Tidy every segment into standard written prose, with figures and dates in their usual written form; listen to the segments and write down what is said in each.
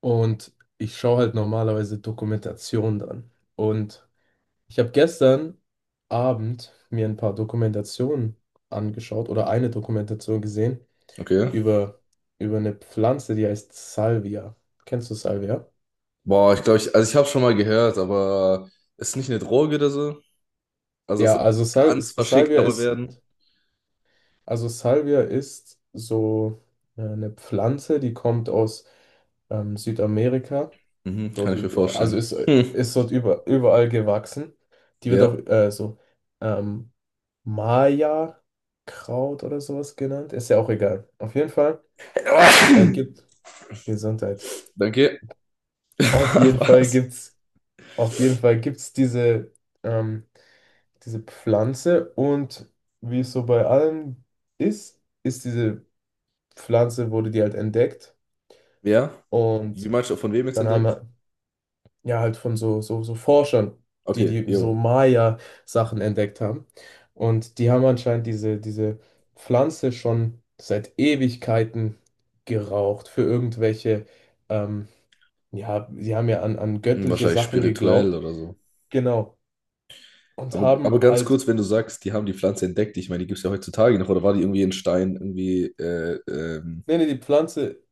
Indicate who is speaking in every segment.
Speaker 1: Und ich schaue halt normalerweise Dokumentationen an. Und ich habe gestern Abend mir ein paar Dokumentationen angeschaut oder eine Dokumentation gesehen
Speaker 2: Okay.
Speaker 1: über, über eine Pflanze, die heißt Salvia. Kennst du Salvia?
Speaker 2: Boah, ich glaube, ich habe schon mal gehört, aber ist nicht eine Droge oder so? Also das
Speaker 1: Ja,
Speaker 2: soll
Speaker 1: also Sal
Speaker 2: ganz verschickt
Speaker 1: Salvia
Speaker 2: aber werden.
Speaker 1: also Salvia ist so eine Pflanze, die kommt aus Südamerika.
Speaker 2: Mhm, kann
Speaker 1: Dort,
Speaker 2: ich mir
Speaker 1: üb- also
Speaker 2: vorstellen.
Speaker 1: ist,
Speaker 2: Hm.
Speaker 1: ist dort überall gewachsen. Die wird auch
Speaker 2: Ja.
Speaker 1: so ähm, Maya-Kraut oder sowas genannt. Ist ja auch egal. Auf jeden Fall gibt Gesundheit.
Speaker 2: Danke.
Speaker 1: Auf jeden Fall
Speaker 2: Was?
Speaker 1: gibt's, auf jeden Fall gibt's ähm, diese Pflanze und wie es so bei allem ist, ist wurde die halt entdeckt
Speaker 2: Ja? Wie
Speaker 1: und
Speaker 2: meinst du, von wem jetzt
Speaker 1: dann
Speaker 2: entdeckt?
Speaker 1: haben ja, halt von so Forschern,
Speaker 2: Okay,
Speaker 1: die so
Speaker 2: jo.
Speaker 1: Maya-Sachen entdeckt haben. Und die haben anscheinend diese Pflanze schon seit Ewigkeiten geraucht für ähm, ja, sie haben ja an
Speaker 2: Hm,
Speaker 1: göttliche
Speaker 2: wahrscheinlich
Speaker 1: Sachen
Speaker 2: spirituell
Speaker 1: geglaubt.
Speaker 2: oder so.
Speaker 1: Genau. Und
Speaker 2: Aber ganz kurz, wenn du sagst, die haben die Pflanze entdeckt, ich meine, die gibt es ja heutzutage noch, oder war die irgendwie in Stein, irgendwie,
Speaker 1: nee, nee, die Pflanze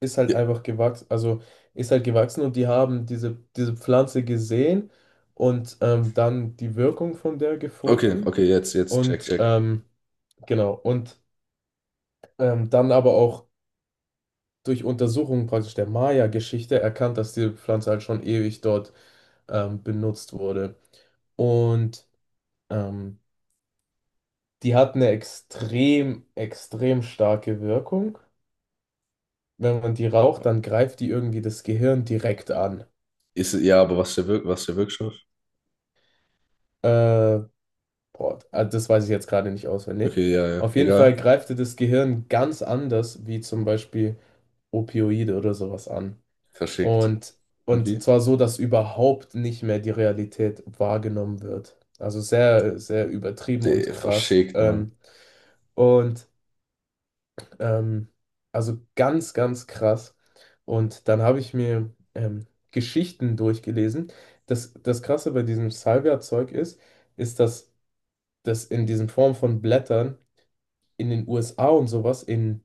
Speaker 1: ist halt
Speaker 2: ja.
Speaker 1: einfach gewachsen, also ist halt gewachsen und die haben diese Pflanze gesehen und dann die Wirkung von der
Speaker 2: Okay,
Speaker 1: gefunden.
Speaker 2: okay, jetzt, check,
Speaker 1: Und
Speaker 2: check.
Speaker 1: ähm, Genau, und dann aber auch durch Untersuchungen praktisch der Maya-Geschichte erkannt, dass diese Pflanze halt schon ewig dort benutzt wurde. Und ähm, die hat eine extrem, extrem starke Wirkung. Wenn man die raucht, dann greift die irgendwie das Gehirn direkt an.
Speaker 2: Ist, ja, aber was ist der Wirk, was ist der Wirkstoff?
Speaker 1: Äh, das weiß ich jetzt gerade nicht auswendig.
Speaker 2: Okay, ja, ja.
Speaker 1: Auf jeden Fall
Speaker 2: Egal.
Speaker 1: greift die das Gehirn ganz anders wie zum Beispiel Opioide oder sowas an.
Speaker 2: Verschickt.
Speaker 1: Und,
Speaker 2: Und
Speaker 1: und
Speaker 2: wie?
Speaker 1: zwar so, dass überhaupt nicht mehr die Realität wahrgenommen wird. Also sehr, sehr übertrieben und
Speaker 2: De,
Speaker 1: krass.
Speaker 2: verschickt, Mann.
Speaker 1: Und ähm, also ganz, ganz krass. Und dann habe ich mir Geschichten durchgelesen. Das Krasse bei diesem Salvia-Zeug ist, dass das in diesen Form von Blättern in den USA und sowas in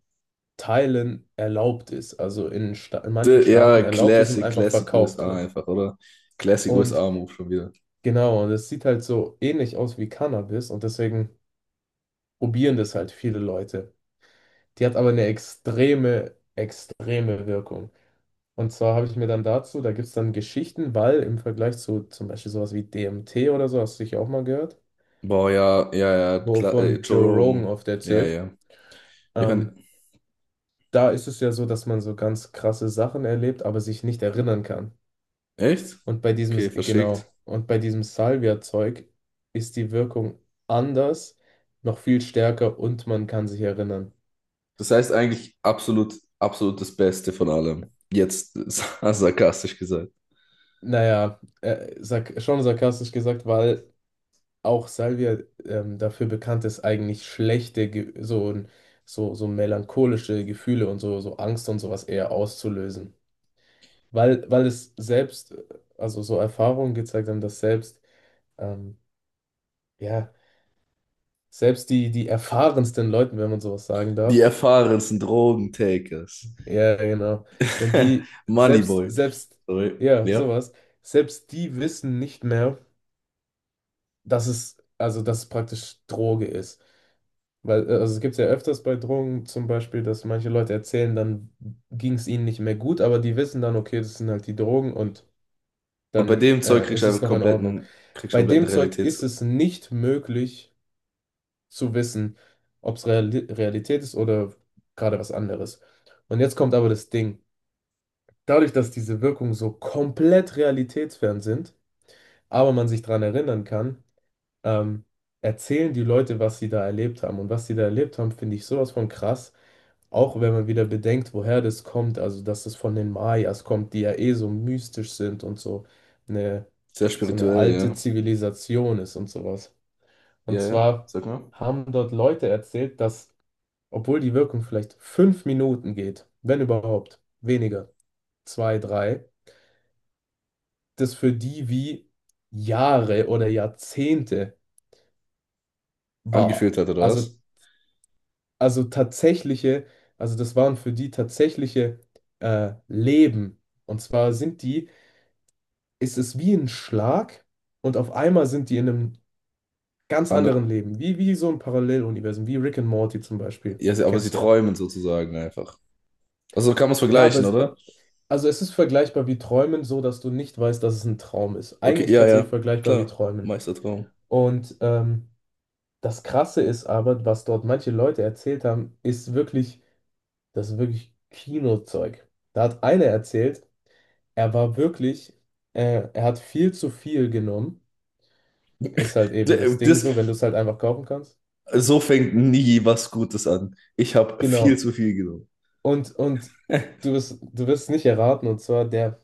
Speaker 1: Teilen erlaubt ist. Also in manchen
Speaker 2: De, ja,
Speaker 1: Staaten erlaubt ist und
Speaker 2: Classic,
Speaker 1: einfach
Speaker 2: Classic
Speaker 1: verkauft
Speaker 2: USA
Speaker 1: wird.
Speaker 2: einfach, oder? Classic
Speaker 1: Und
Speaker 2: USA-Move schon wieder.
Speaker 1: Genau, und es sieht halt so ähnlich aus wie Cannabis und deswegen probieren das halt viele Leute. Die hat aber eine extreme, extreme Wirkung. Und zwar habe ich mir dann dazu, da gibt es dann Geschichten, weil im Vergleich zu zum Beispiel sowas wie DMT oder so, hast du sicher auch mal gehört,
Speaker 2: Boah, ja, ja, ja. Kla
Speaker 1: wovon
Speaker 2: Joe
Speaker 1: Joe Rogan
Speaker 2: Rogan.
Speaker 1: oft
Speaker 2: Ja,
Speaker 1: erzählt,
Speaker 2: ja. Wir
Speaker 1: ähm,
Speaker 2: hören.
Speaker 1: da ist es ja so, dass man so ganz krasse Sachen erlebt, aber sich nicht erinnern kann.
Speaker 2: Echt?
Speaker 1: Und bei
Speaker 2: Okay, verschickt.
Speaker 1: diesem Salvia-Zeug ist die Wirkung anders, noch viel stärker und man kann sich erinnern.
Speaker 2: Das heißt eigentlich absolut, absolut das Beste von allem. Jetzt sarkastisch gesagt.
Speaker 1: Naja, sark schon sarkastisch gesagt, weil auch Salvia dafür bekannt ist, eigentlich schlechte, Ge so, so, so melancholische Gefühle und so Angst und sowas eher auszulösen. Weil es also so Erfahrungen gezeigt haben, dass ähm, ja, selbst die erfahrensten Leuten, wenn man sowas sagen
Speaker 2: Die
Speaker 1: darf,
Speaker 2: erfahrensten Drogentakers.
Speaker 1: Ja, genau. Wenn die selbst,
Speaker 2: Moneyboy.
Speaker 1: selbst,
Speaker 2: Sorry.
Speaker 1: ja,
Speaker 2: Ja.
Speaker 1: sowas, selbst die wissen nicht mehr, also dass es praktisch Droge ist. Also es gibt ja öfters bei Drogen zum Beispiel, dass manche Leute erzählen, dann ging es ihnen nicht mehr gut, aber die wissen dann, okay, das sind halt die Drogen und
Speaker 2: Und bei
Speaker 1: dann
Speaker 2: dem Zeug kriegst
Speaker 1: ist
Speaker 2: du
Speaker 1: es
Speaker 2: einfach
Speaker 1: noch in Ordnung.
Speaker 2: kompletten, kriegst du
Speaker 1: Bei
Speaker 2: kompletten
Speaker 1: dem Zeug
Speaker 2: Realitäts.
Speaker 1: ist es nicht möglich zu wissen, ob es Realität ist oder gerade was anderes. Und jetzt kommt aber das Ding. Dadurch, dass diese Wirkungen so komplett realitätsfern sind, aber man sich daran erinnern kann, ähm, erzählen die Leute, was sie da erlebt haben. Und was sie da erlebt haben, finde ich sowas von krass. Auch wenn man wieder bedenkt, woher das kommt, also dass es von den Mayas kommt, die ja eh so mystisch sind und eine,
Speaker 2: Sehr
Speaker 1: so eine
Speaker 2: spirituell,
Speaker 1: alte
Speaker 2: ja.
Speaker 1: Zivilisation ist und sowas.
Speaker 2: Ja,
Speaker 1: Und
Speaker 2: ja,
Speaker 1: zwar
Speaker 2: sag mal.
Speaker 1: haben dort Leute erzählt, dass, obwohl die Wirkung vielleicht 5 Minuten geht, wenn überhaupt, weniger, zwei, drei, das für die wie Jahre oder Jahrzehnte war.
Speaker 2: Angeführt hat, oder was?
Speaker 1: Also tatsächliche, also das waren für die tatsächliche Leben. Und zwar ist es wie ein Schlag und auf einmal sind die in einem ganz anderen
Speaker 2: Andere,
Speaker 1: Leben, wie so ein Paralleluniversum, wie Rick and Morty zum Beispiel.
Speaker 2: ja, sie- aber sie
Speaker 1: Kennst du ja.
Speaker 2: träumen sozusagen einfach. Also so kann man es
Speaker 1: Ja, aber
Speaker 2: vergleichen, oder?
Speaker 1: also es ist vergleichbar wie Träumen, so dass du nicht weißt, dass es ein Traum ist.
Speaker 2: Okay,
Speaker 1: Eigentlich
Speaker 2: ja,
Speaker 1: tatsächlich
Speaker 2: ja,
Speaker 1: vergleichbar wie
Speaker 2: klar.
Speaker 1: Träumen.
Speaker 2: Meistertraum.
Speaker 1: Und ähm, Das Krasse ist aber, was dort manche Leute erzählt haben, ist wirklich, das ist wirklich Kinozeug. Da hat einer erzählt, er war wirklich, er hat viel zu viel genommen. Ist halt eben das
Speaker 2: D-
Speaker 1: Ding
Speaker 2: Das,
Speaker 1: so, wenn du es halt einfach kaufen kannst.
Speaker 2: so fängt nie was Gutes an. Ich habe viel
Speaker 1: Genau.
Speaker 2: zu viel genommen.
Speaker 1: Und, und du wirst es nicht erraten. Und zwar, der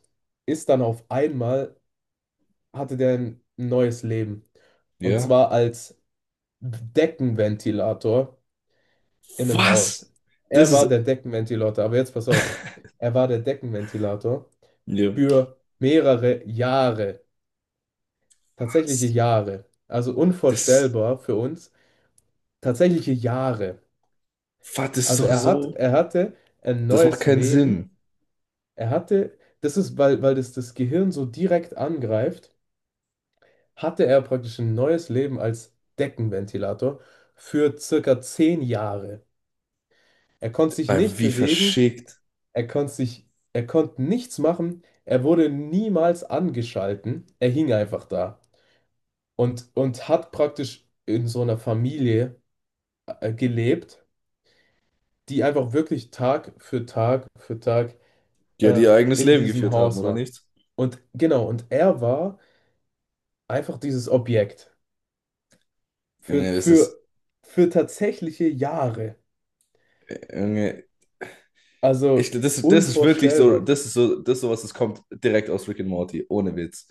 Speaker 1: ist dann auf einmal, hatte der ein neues Leben. Und
Speaker 2: Ja.
Speaker 1: zwar als Deckenventilator in einem Haus.
Speaker 2: Was? Das
Speaker 1: Er
Speaker 2: ist.
Speaker 1: war der Deckenventilator, aber jetzt pass auf. Er war der Deckenventilator
Speaker 2: Ja.
Speaker 1: für mehrere Jahre, tatsächliche
Speaker 2: Was?
Speaker 1: Jahre. Also
Speaker 2: Das ist.
Speaker 1: unvorstellbar für uns, tatsächliche Jahre.
Speaker 2: Was? Das ist doch so.
Speaker 1: Er hatte ein
Speaker 2: Das macht
Speaker 1: neues
Speaker 2: keinen
Speaker 1: Leben.
Speaker 2: Sinn.
Speaker 1: Er hatte, das ist, weil, weil das das Gehirn so direkt angreift, hatte er praktisch ein neues Leben als Deckenventilator für circa 10 Jahre. Er konnte sich
Speaker 2: Ah,
Speaker 1: nicht
Speaker 2: wie
Speaker 1: bewegen,
Speaker 2: verschickt.
Speaker 1: Er konnte sich, er konnte nichts machen. Er wurde niemals angeschalten. Er hing einfach da und hat praktisch in so einer Familie gelebt, die einfach wirklich Tag für Tag für Tag
Speaker 2: Die ja, die
Speaker 1: äh,
Speaker 2: ihr eigenes
Speaker 1: in
Speaker 2: Leben
Speaker 1: diesem
Speaker 2: geführt haben,
Speaker 1: Haus
Speaker 2: oder
Speaker 1: war.
Speaker 2: nicht?
Speaker 1: Und genau, und er war einfach dieses Objekt für,
Speaker 2: Junge, das ist.
Speaker 1: für, für tatsächliche Jahre.
Speaker 2: Junge, ich,
Speaker 1: Also
Speaker 2: das ist wirklich
Speaker 1: unvorstellbar.
Speaker 2: so, das ist sowas, das kommt direkt aus Rick and Morty, ohne Witz.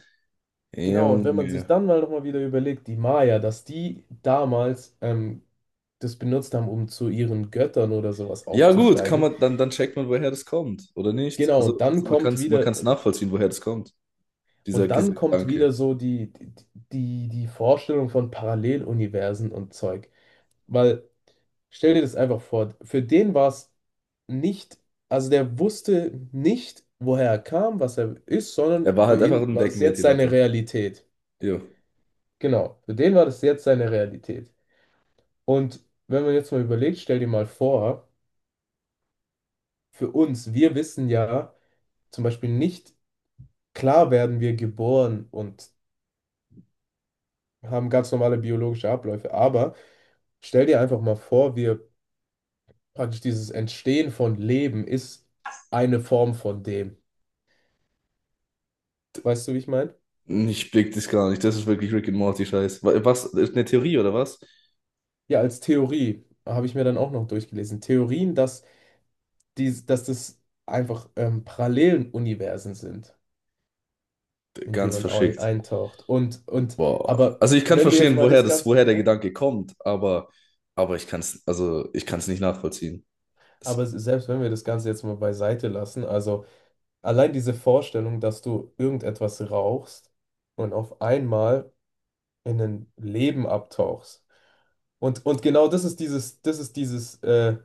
Speaker 1: Genau, und wenn man sich
Speaker 2: Junge.
Speaker 1: dann mal nochmal wieder überlegt, die Maya, dass die damals das benutzt haben, um zu ihren Göttern oder sowas
Speaker 2: Ja, gut, kann
Speaker 1: aufzusteigen.
Speaker 2: man, dann, dann checkt man, woher das kommt, oder nicht?
Speaker 1: Genau, und dann
Speaker 2: Also man kann
Speaker 1: kommt
Speaker 2: es, man
Speaker 1: wieder,
Speaker 2: kann's nachvollziehen, woher das kommt, dieser,
Speaker 1: und dann
Speaker 2: dieser
Speaker 1: kommt
Speaker 2: Gedanke.
Speaker 1: wieder so die Vorstellung von Paralleluniversen und Zeug. Weil, stell dir das einfach vor, für den war es nicht, also der wusste nicht, woher er kam, was er ist,
Speaker 2: Er
Speaker 1: sondern
Speaker 2: war
Speaker 1: für
Speaker 2: halt einfach
Speaker 1: ihn
Speaker 2: ein
Speaker 1: war das jetzt seine
Speaker 2: Deckenventilator.
Speaker 1: Realität.
Speaker 2: Jo.
Speaker 1: Genau, für den war das jetzt seine Realität. Und wenn man jetzt mal überlegt, stell dir mal vor, für uns, wir wissen ja zum Beispiel nicht, klar werden wir geboren und haben ganz normale biologische Abläufe, aber stell dir einfach mal vor, wir praktisch dieses Entstehen von Leben ist eine Form von dem. Weißt du, wie ich meine?
Speaker 2: Ich blick das gar nicht. Das ist wirklich Rick and Morty-Scheiß. Wa- Was? Ist eine Theorie oder was?
Speaker 1: Ja, als Theorie habe ich mir dann auch noch durchgelesen. Theorien, dass das einfach parallelen Universen sind, in die
Speaker 2: Ganz
Speaker 1: man
Speaker 2: verschickt.
Speaker 1: eintaucht.
Speaker 2: Boah.
Speaker 1: Aber
Speaker 2: Also ich kann
Speaker 1: wenn wir jetzt
Speaker 2: verstehen,
Speaker 1: mal
Speaker 2: woher
Speaker 1: das
Speaker 2: das,
Speaker 1: Ganze,
Speaker 2: woher der
Speaker 1: ja,
Speaker 2: Gedanke kommt, aber ich kann es, also ich kann es nicht nachvollziehen. Das,
Speaker 1: aber selbst wenn wir das Ganze jetzt mal beiseite lassen, also. Allein diese Vorstellung, dass du irgendetwas rauchst und auf einmal in ein Leben abtauchst. Genau das ist das ist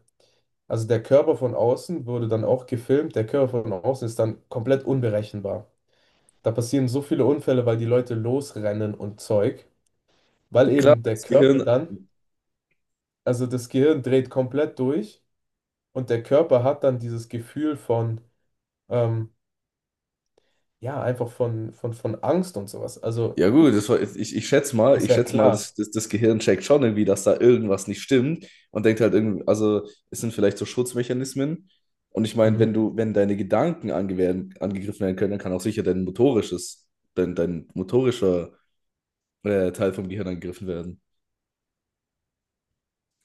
Speaker 1: also der Körper von außen wurde dann auch gefilmt, der Körper von außen ist dann komplett unberechenbar. Da passieren so viele Unfälle, weil die Leute losrennen und Zeug, weil
Speaker 2: klar,
Speaker 1: eben
Speaker 2: wenn
Speaker 1: der
Speaker 2: das
Speaker 1: Körper
Speaker 2: Gehirn.
Speaker 1: dann, also das Gehirn dreht komplett durch und der Körper hat dann dieses Gefühl von, ähm, ja, einfach von, von Angst und sowas. Also
Speaker 2: Ja gut, das war, ich,
Speaker 1: ist
Speaker 2: ich
Speaker 1: ja
Speaker 2: schätze mal, das,
Speaker 1: klar.
Speaker 2: das, das Gehirn checkt schon irgendwie, dass da irgendwas nicht stimmt und denkt halt irgendwie, also es sind vielleicht so Schutzmechanismen. Und ich meine, wenn
Speaker 1: Mhm.
Speaker 2: du, wenn deine Gedanken ange werden, angegriffen werden können, dann kann auch sicher dein motorisches, dein motorischer Teil vom Gehirn angegriffen werden.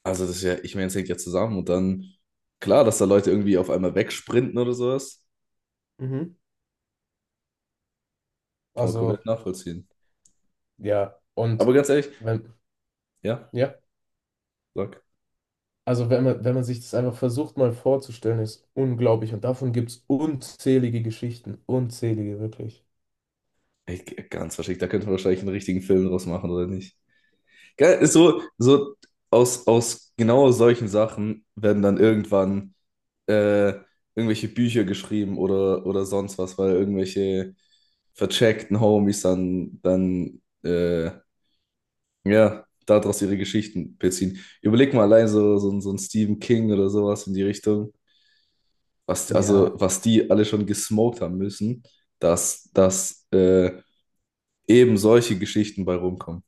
Speaker 2: Also das ist ja, ich meine, es hängt ja zusammen und dann, klar, dass da Leute irgendwie auf einmal wegsprinten oder sowas,
Speaker 1: Mhm.
Speaker 2: kann man komplett
Speaker 1: Also,
Speaker 2: nachvollziehen.
Speaker 1: ja,
Speaker 2: Aber
Speaker 1: und
Speaker 2: ganz ehrlich,
Speaker 1: wenn,
Speaker 2: ja,
Speaker 1: ja,
Speaker 2: sag.
Speaker 1: also wenn man, wenn man sich das einfach versucht mal vorzustellen, ist unglaublich. Und davon gibt es unzählige Geschichten, unzählige, wirklich.
Speaker 2: Ey, ganz wahrscheinlich, da könnte man wahrscheinlich einen richtigen Film draus machen, oder nicht? Geil, ist so, so aus, aus genau solchen Sachen werden dann irgendwann äh, irgendwelche Bücher geschrieben oder sonst was, weil irgendwelche vercheckten Homies dann, dann ja, daraus ihre Geschichten beziehen. Überleg mal allein so, so ein Stephen King oder sowas in die Richtung, was,
Speaker 1: Ja.
Speaker 2: also, was die alle schon gesmoked haben müssen, dass, dass eben solche Geschichten bei rumkommen.